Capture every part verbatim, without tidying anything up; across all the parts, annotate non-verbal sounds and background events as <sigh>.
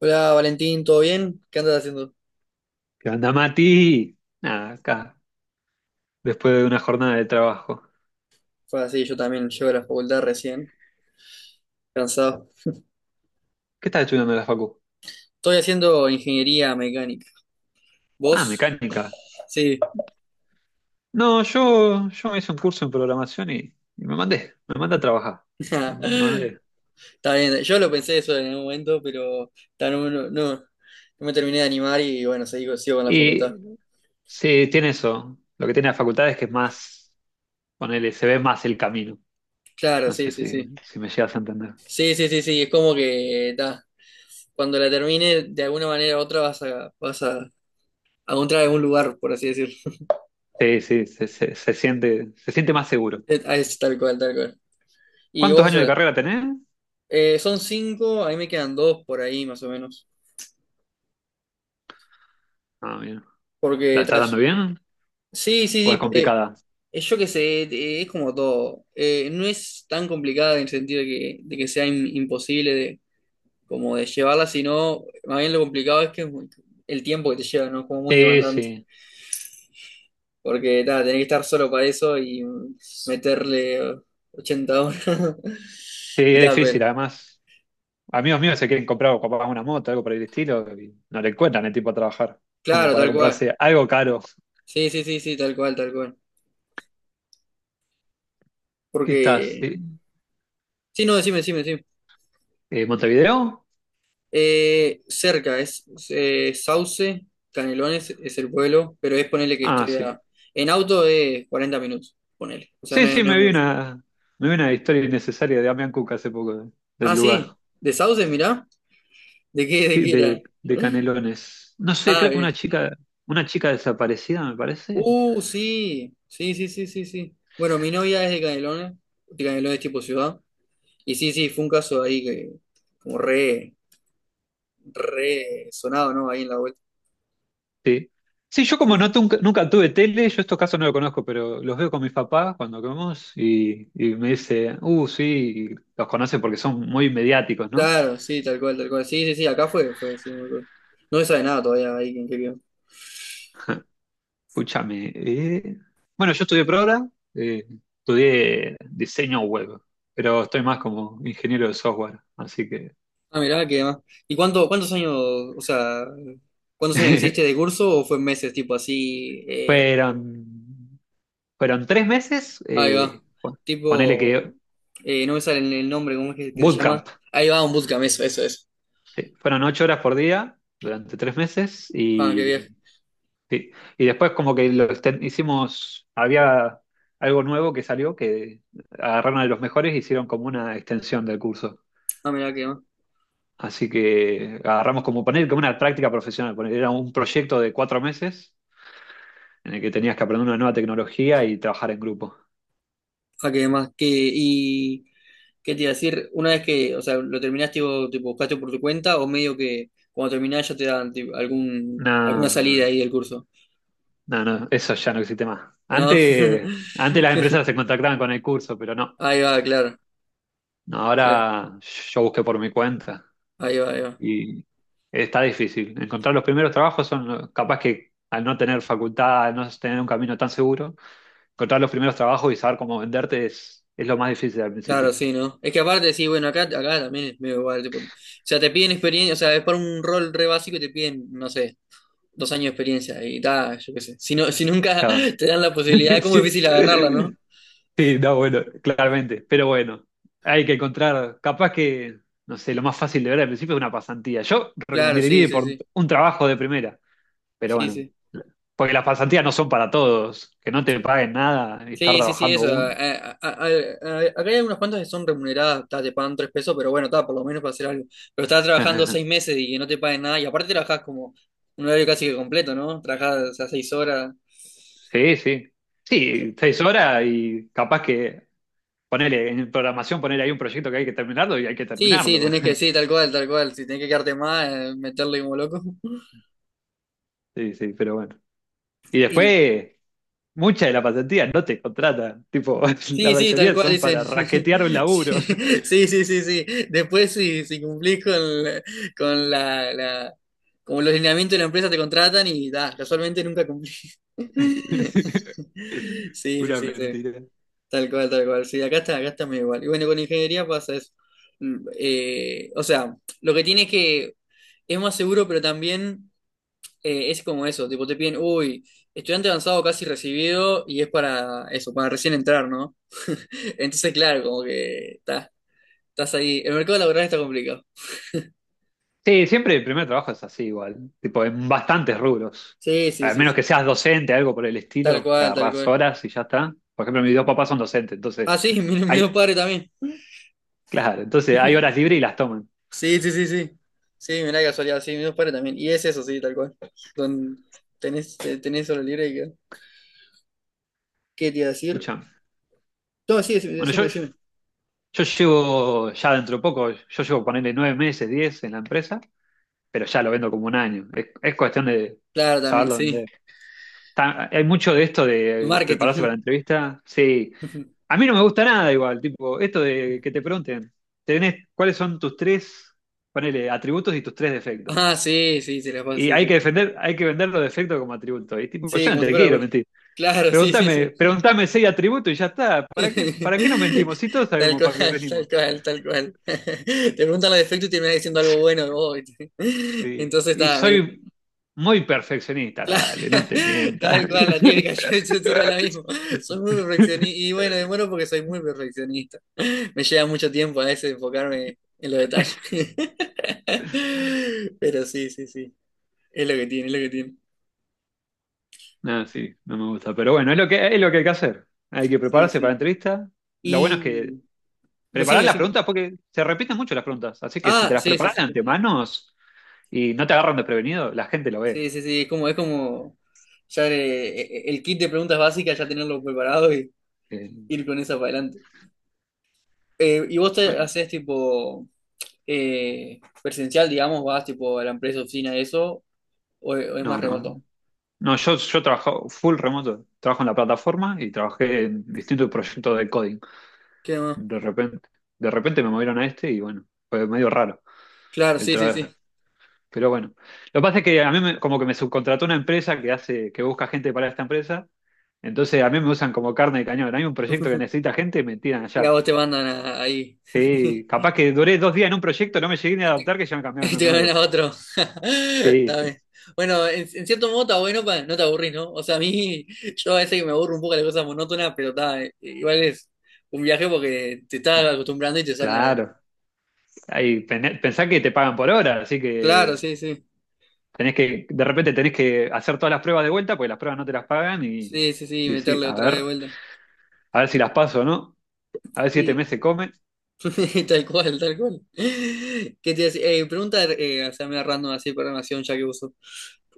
Hola Valentín, ¿todo bien? ¿Qué andas haciendo? ¿Qué onda, Mati? Nada, acá, después de una jornada de trabajo. Fue así, yo también llego a la facultad recién, cansado. ¿Qué estás estudiando en la facu? Estoy haciendo ingeniería mecánica. Ah, ¿Vos? mecánica. Sí. No, yo, yo me hice un curso en programación y, y me mandé, me mandé a trabajar. <laughs> Me Está mandé. bien, yo lo pensé eso en un momento, pero ta, no, no, no- no me terminé de animar y bueno, sigo, sigo con la facultad. Y sí, tiene eso. Lo que tiene la facultad es que es más, ponele, se ve más el camino. Claro, No sí, sé sí, si, sí. si me llegas a entender. Sí, sí, sí, sí, es como que ta, cuando la termine, de alguna manera u otra vas a, vas a, a encontrar algún lugar, por así decirlo. <laughs> Sí, sí, se, se- se siente, se siente más seguro. Es, es tal cual, tal cual. ¿Y ¿Cuántos vos? años de carrera tenés? Eh, son cinco, a mí me quedan dos por ahí más o menos. Ah, bien. ¿La Porque estás tras- dando bien? Sí, ¿O sí, es sí. eh, complicada? Es yo que sé, eh, es como todo. Eh, no es tan complicada en el sentido de que, de que sea im- imposible de, como de llevarla, sino más bien lo complicado es que es muy- el tiempo que te lleva, ¿no? Como muy Sí, demandante. sí. Porque ta, tenés que estar solo para eso y mm, meterle eh, ochenta horas. <laughs> Sí, Y es tal, pero. difícil, además. Amigos míos se quieren comprar capaz una moto, algo por el estilo, y no le encuentran el tiempo a trabajar, como Claro, para tal cual. comprarse algo caro. Sí, sí, sí, sí, tal cual, tal cual. ¿Qué estás? Porque. eh, Sí, no, decime, decime, decime. eh, ¿Montevideo? Eh, cerca, es, es, eh, Sauce, Canelones es el pueblo, pero es ponerle que Ah, estoy sí. a... En auto es cuarenta minutos, ponele. O sea, Sí, no es, sí, no es me vi mucho. una, me vi una historia innecesaria de Damián Cook hace poco, de- del Ah, lugar. sí, de Sauce, mirá. ¿De qué, de Sí, qué era? de, de Canelones. No sé, Ah, creo que una bien. chica, una chica desaparecida, me parece. Uh, sí, sí, sí, sí, sí, sí. Bueno, mi novia es de Canelones, de Canelones tipo ciudad. Y sí, sí, fue un caso ahí que, como re, re sonado, ¿no? Ahí en la vuelta. Sí. Sí, yo Sí, como sí. no tunca- nunca tuve tele, yo estos casos no los conozco, pero los veo con mis papás cuando comemos y, y me dice, uh, sí, y los conocen porque son muy mediáticos, ¿no? Claro, sí, tal cual, tal cual. Sí, sí, sí, acá fue, fue, sí, muy cool. No se sabe nada todavía ahí en qué quedó. Escúchame. eh, Bueno, yo estudié programa, eh, estudié diseño web, pero estoy más como ingeniero de software, así que Ah, mirá, qué demás. ¿Y cuánto, cuántos años, o sea, cuántos años hiciste de <laughs> curso o fue en meses, tipo así? eh, fueron, fueron tres meses, Ahí va. eh, pon- ponele Tipo, que eh, no me sale el el nombre, ¿cómo es que, que se llama? bootcamp, Ahí va, un bootcamp, eso, eso, eso. sí, fueron ocho horas por día durante tres meses Ah, qué viaje. y, sí, y después como que lo exten- hicimos, había algo nuevo que salió, que agarraron a los mejores y hicieron como una extensión del curso. Ah, mirá, qué demás. Así que agarramos como poner como una práctica profesional. poner- Era un proyecto de cuatro meses en el que tenías que aprender una nueva tecnología y trabajar en grupo. Ah, qué demás. Qué y, ¿qué te iba a decir? Una vez que, o sea, lo terminaste, tipo, tipo, buscaste por tu cuenta o medio que cuando terminás ya te dan tipo, algún, alguna No, salida no, ahí del curso, no, no, eso ya no existe más. ¿no? Antes, antes las empresas se <laughs> contactaban con el curso, pero no. Ahí va, claro, No, claro. ahora yo busqué por mi cuenta Ahí va, ahí va. y está difícil. Encontrar los primeros trabajos son los- capaz que al no tener facultad, al no tener un camino tan seguro, encontrar los primeros trabajos y saber cómo venderte es, es lo más difícil al Claro, principio. sí, ¿no? Es que aparte, sí, bueno, acá, acá también es medio igual, tipo, o sea, te piden experiencia, o sea, es para un rol re básico y te piden, no sé, dos años de experiencia y tal, yo qué sé. Si no, si nunca <laughs> te dan la posibilidad, <laughs> es como Sí, difícil agarrarla, ¿no? sí, no, bueno, claramente. Pero bueno, hay que encontrar, capaz que, no sé, lo más fácil de ver al principio es una pasantía. Yo Claro, recomendaría sí, ir sí, por sí, un trabajo de primera, pero sí, bueno, sí. porque las pasantías no son para todos, que no te paguen nada y estar Sí, sí, sí, trabajando eso. a- un. A- a- a- a- acá hay unas cuantas que son remuneradas, ta, te pagan tres pesos, pero bueno, está, por lo menos para hacer algo. Pero estás trabajando seis <laughs> meses y que no te paguen nada, y aparte trabajas como un horario casi que completo, ¿no? Trabajas, o sea, seis horas. Sí, sí. Sí, seis horas y capaz que ponerle en programación, poner ahí un proyecto que hay que terminarlo y hay que Sí, sí, terminarlo. tenés que, <laughs> sí, tal cual, tal cual. Si tenés que quedarte más, eh, meterle como loco. Sí, sí, pero bueno. Y Y, después. Muchas de las pasantías no te contratan, tipo, <laughs> la sí, sí, tal mayoría cual, son dicen. para raquetear un <laughs> Sí, laburo. sí, sí, sí. Sí. Después, si, si cumplís con, la- con la, la- como los lineamientos de la empresa, te contratan y da, casualmente nunca cumplís. <laughs> <laughs> Sí, sí, Una sí, sí. mentira. Tal cual, tal cual. Sí, acá está, acá está medio igual. Y bueno, con ingeniería pasa eso. Mm, eh, o sea, lo que tiene es que es más seguro, pero también. Eh, es como eso, tipo te piden, uy, estudiante avanzado casi recibido y es para eso, para recién entrar, ¿no? Entonces, claro, como que ta- estás ahí. El mercado laboral está complicado. Sí, siempre el primer trabajo es así igual, tipo, en bastantes rubros. Sí, sí, Al sí, menos que sí. seas docente, algo por el Tal estilo, que cual, tal agarrás cual. horas y ya está. Por ejemplo, mis dos papás son docentes, Ah, entonces sí, <laughs> mi, mis hay, dos padres también. claro, entonces hay horas libres y las toman. Sí, sí, sí, sí. Sí, mirá qué casualidad, sí, mis dos padres también. Y es eso, sí, tal cual. Don, tenés, te- tenés hora libre y que- ¿Qué te iba a decir? Escuchame. No, sí, decime, Bueno, decime, yo, decime. yo llevo ya dentro de poco, yo llevo ponerle nueve meses, diez en la empresa, pero ya lo vendo como un año. Es, es cuestión de Claro, también, saberlo vender. sí. Ta- hay mucho de esto de prepararse para la Marketing. entrevista. Sí, <laughs> a mí no me gusta nada igual, tipo, esto de que te pregunten, tenés, ¿cuáles son tus tres, ponele, atributos y tus tres defectos? Ah, sí, sí, se la pasa, Y sí, hay que sí. defender, hay que vender los defectos como atributos. Y tipo, Sí, yo no como si te fuera quiero bueno. mentir. Claro, sí, sí, Preguntame, sí. preguntame seis atributos y ya está. ¿Para qué, ¿para qué nos mentimos? Si todos <laughs> Tal sabemos para qué cual, tal venimos. cual, tal cual. <laughs> Te preguntan los defectos y terminas diciendo algo bueno de <laughs> vos, ¿viste? <laughs> Sí, Entonces y está, medio- soy muy perfeccionista, claro, dale, no te <laughs> mientas. tal cual, la típica, <laughs> yo, yo tiro la misma. Soy muy perfeccionista <laughs> y bueno, demoro porque soy muy perfeccionista. Me lleva mucho tiempo a veces enfocarme en los detalles. <laughs> Pero sí, sí, sí. Es lo que tiene, es lo que tiene. No, sí, no me gusta. Pero bueno, es lo que, es lo que hay que hacer. Hay que Sí, prepararse para la sí. entrevista. Lo bueno es que Y decime, preparar las decime. preguntas, porque se repiten mucho las preguntas. Así que si Ah, te las sí, sí, preparan sí. de Sí. antemano y no te agarran desprevenido, la gente lo ve. Sí, sí, sí, es como, es como ya eh, eh, el kit de preguntas básicas, ya tenerlo preparado y Eh, ir con esa para adelante. Eh, ¿y vos te bueno, haces tipo eh, presencial, digamos, vas tipo a la empresa, oficina, eso, o, o es más no, remoto? no. No, yo, yo trabajo full remoto. Trabajo en la plataforma y trabajé en distintos proyectos de coding. ¿Qué más? De repente, de repente me movieron a este y bueno, fue medio raro. Claro, sí, sí, sí. Pero bueno, lo que pasa es que a mí me- como que me subcontrató una empresa que hace, que busca gente para esta empresa, entonces a mí me usan como carne de cañón. Hay un proyecto que necesita gente, me tiran Y a allá. vos te mandan a- ahí. <laughs> Sí, capaz que duré dos días en un proyecto, no me llegué ni a Y te, adaptar, que ya me <laughs> cambiaron y a te uno nuevo. gana otro. <laughs> Sí, Está sí, bien. Bueno, en, en cierto modo está bueno para no te aburrís, ¿no? O sea, a mí, <laughs> yo a veces que me aburro un poco de las cosas monótonas, pero está, eh, igual es un viaje porque te estás acostumbrando y te sacan. claro. Ahí, pen- pensá que te pagan por hora, así Claro, que sí, sí. tenés que, de repente tenés que hacer todas las pruebas de vuelta, porque las pruebas no te las pagan y, Sí, sí, sí, y decir, meterle a otra vez de ver, vuelta. a ver si las paso o no, a ver si este mes Y se come. <laughs> tal cual, tal cual. <laughs> ¿Qué te iba a decir? Eh, pregunta, eh, o sea, me random así, programación, ya que uso.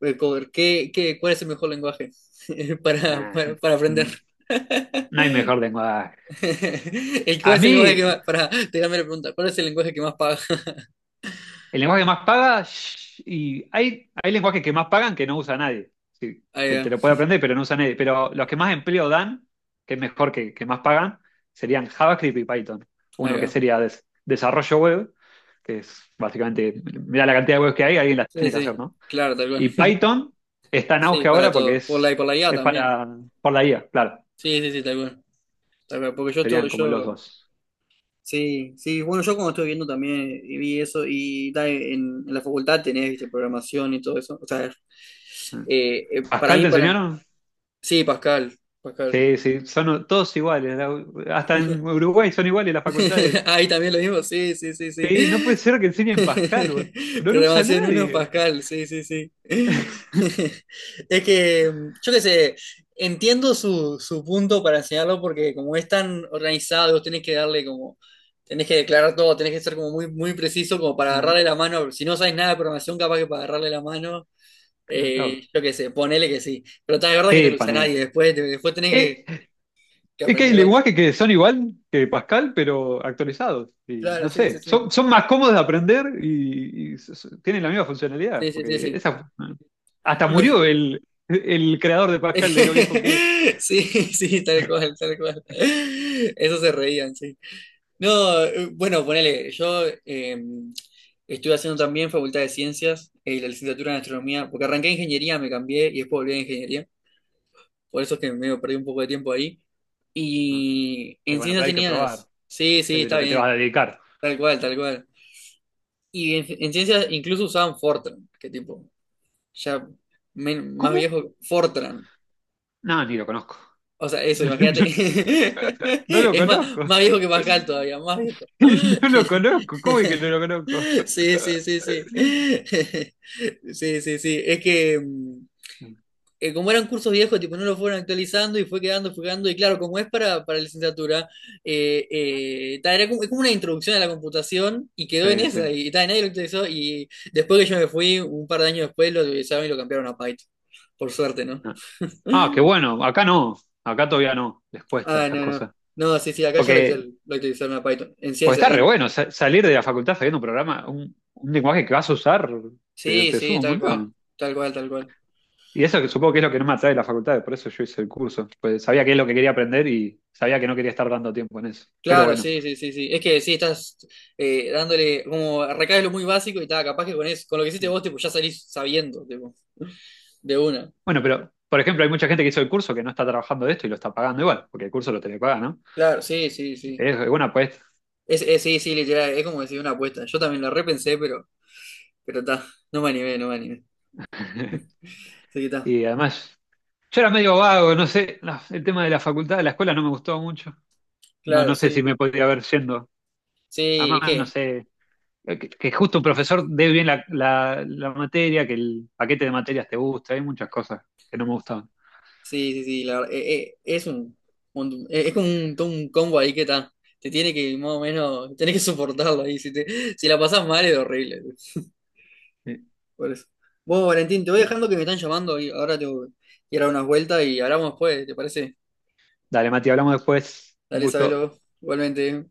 Eh, cover, ¿qué, qué, ¿cuál es el mejor lenguaje <laughs> para, Nah, para, para <laughs> aprender? no, <laughs> no hay mejor lengua. <laughs> ¿Y cuál A es el lenguaje que mí, más... Para, tirarme la pregunta, ¿cuál es el lenguaje que más paga? <laughs> el lenguaje que más paga, shh, y hay, hay lenguajes que más pagan que no usa nadie. Sí, Ahí que va, te lo puede aprender, pero no usa nadie. Pero los que más empleo dan, que es mejor que, que más pagan, serían JavaScript y Python. ahí Uno que va. sería des- desarrollo web, que es básicamente, mira la cantidad de webs que hay, alguien las Sí, tiene que sí, hacer, ¿no? claro, tal cual. Y Python <laughs> está en Sí, auge para ahora porque todo. Por la y es, por la I A es también. para, por la I A, claro. Sí, sí, sí, tal cual. Tal cual, porque yo estuve, Serían como los yo... dos. Sí, sí, bueno, yo como estuve viendo también eh, vi eso y da, en, en la facultad tenés, viste, programación y todo eso. O sea, eh, eh, para ¿Pascal mí, te para... enseñaron? Sí, Pascal, Pascal. Sí, sí, son todos iguales. la- Hasta en Uruguay son iguales las facultades. <laughs> Ahí también lo mismo, sí, sí, sí, sí. Sí, no puede ser que enseñen Pascal, boludo. <laughs> No lo usa Programación uno, nadie. Pascal, sí, sí, sí. <laughs> Es que, yo qué sé, entiendo su, su punto para enseñarlo porque como es tan organizado, tenés que darle como, tenés que declarar todo, tenés que ser como muy, muy preciso como para Ah, agarrarle la mano. Si no sabes nada de programación, capaz que para agarrarle la mano, eh, claro. yo qué sé, ponele que sí. Pero está de verdad que no Sí, lo usa nadie, panel. después, después tenés que, Eh, que es que hay aprender otro. lenguajes que son igual que Pascal, pero actualizados. Y Claro, no sí, sí, sé, sí, son, son más cómodos de aprender y, y s- s- tienen la misma funcionalidad. sí, sí, sí. Porque Sí. esa, hasta Bueno murió el, el creador de Pascal de lo viejo que es. <laughs> sí, sí, tal cual, tal cual. Eso se reían, sí. No, eh, bueno, ponele, yo eh, estuve haciendo también Facultad de Ciencias, eh, la licenciatura en Astronomía, porque arranqué ingeniería, me cambié y después volví a ingeniería, por eso es que me perdí un poco de tiempo ahí. Ah, Y y en bueno, ciencias pero hay que probar tenías, sí, sí, es de está lo que te vas a bien, dedicar. tal cual, tal cual. Y en, en ciencias incluso usaban Fortran, que tipo, ya men- más ¿Cómo? viejo, Fortran. No, ni lo conozco. O sea, eso, imagínate. <laughs> <laughs> <laughs> No lo Es más, conozco. más viejo que Pascal todavía, más viejo. <laughs> No lo conozco. ¿Cómo es que no lo <laughs> conozco? Sí, sí, sí, sí. <laughs> Sí, sí, sí. Es que mm, eh, como eran cursos viejos, tipo, no lo fueron actualizando y fue quedando, fue quedando. Y claro, como es para, para licenciatura, eh, eh, ta, era como, es como una introducción a la computación y quedó en Sí, esa. sí. Y ta, nadie lo actualizó. Y después que yo me fui, un par de años después, lo actualizaron y lo cambiaron a Python. Por suerte, ¿no? Ah, qué bueno. Acá no. Acá todavía no. Les cuesta Ah, esas no, no. cosas. No, sí, sí, acá ya lo Porque, utilizaron, lo utilizaron a Python. En porque ciencia, está re en. bueno sa- salir de la facultad sabiendo un programa, un, un lenguaje que vas a usar, te, Sí, te sí, suma un tal cual. montón. Tal cual, tal cual. Y eso que supongo que es lo que no me atrae de la facultad, por eso yo hice el curso. Pues sabía qué es lo que quería aprender y sabía que no quería estar dando tiempo en eso. Pero Claro, bueno. sí, sí, sí, sí. Es que sí, estás eh, dándole, como recaes lo muy básico y tal, capaz que con eso, con lo que hiciste vos, tipo, ya salís sabiendo, tipo, de una. Bueno, pero, por ejemplo, hay mucha gente que hizo el curso que no está trabajando de esto y lo está pagando igual, porque el curso lo tenía que pagar, ¿no? Claro, sí, sí, sí. Es buena apuesta. Es, es- sí, sí, literal, es como decir una apuesta. Yo también lo repensé, pero, pero está, no me animé, no me animé. <laughs> Así que está. Y además, yo era medio vago, no sé, no, el tema de la facultad, de la escuela no me gustó mucho. No, Claro, no sé si sí. me podría haber yendo. Sí, es Además, no que sé, eh, que, que justo un profesor dé bien la, la- la materia, que el paquete de materias te gusta, hay muchas cosas que no me gustaban. sí, sí, sí, la verdad, eh, eh, es un, montón- eh, es como un, todo un combo ahí que está, te tiene que, más o menos, tenés que soportarlo ahí, si, te, si la pasás mal es horrible, Sí. por eso. Vos, Valentín, te voy dejando que me están llamando y ahora tengo que ir a dar unas vueltas y hablamos después, ¿te parece? Dale, Mati, hablamos después. Un Dale, gusto. sabelo, igualmente.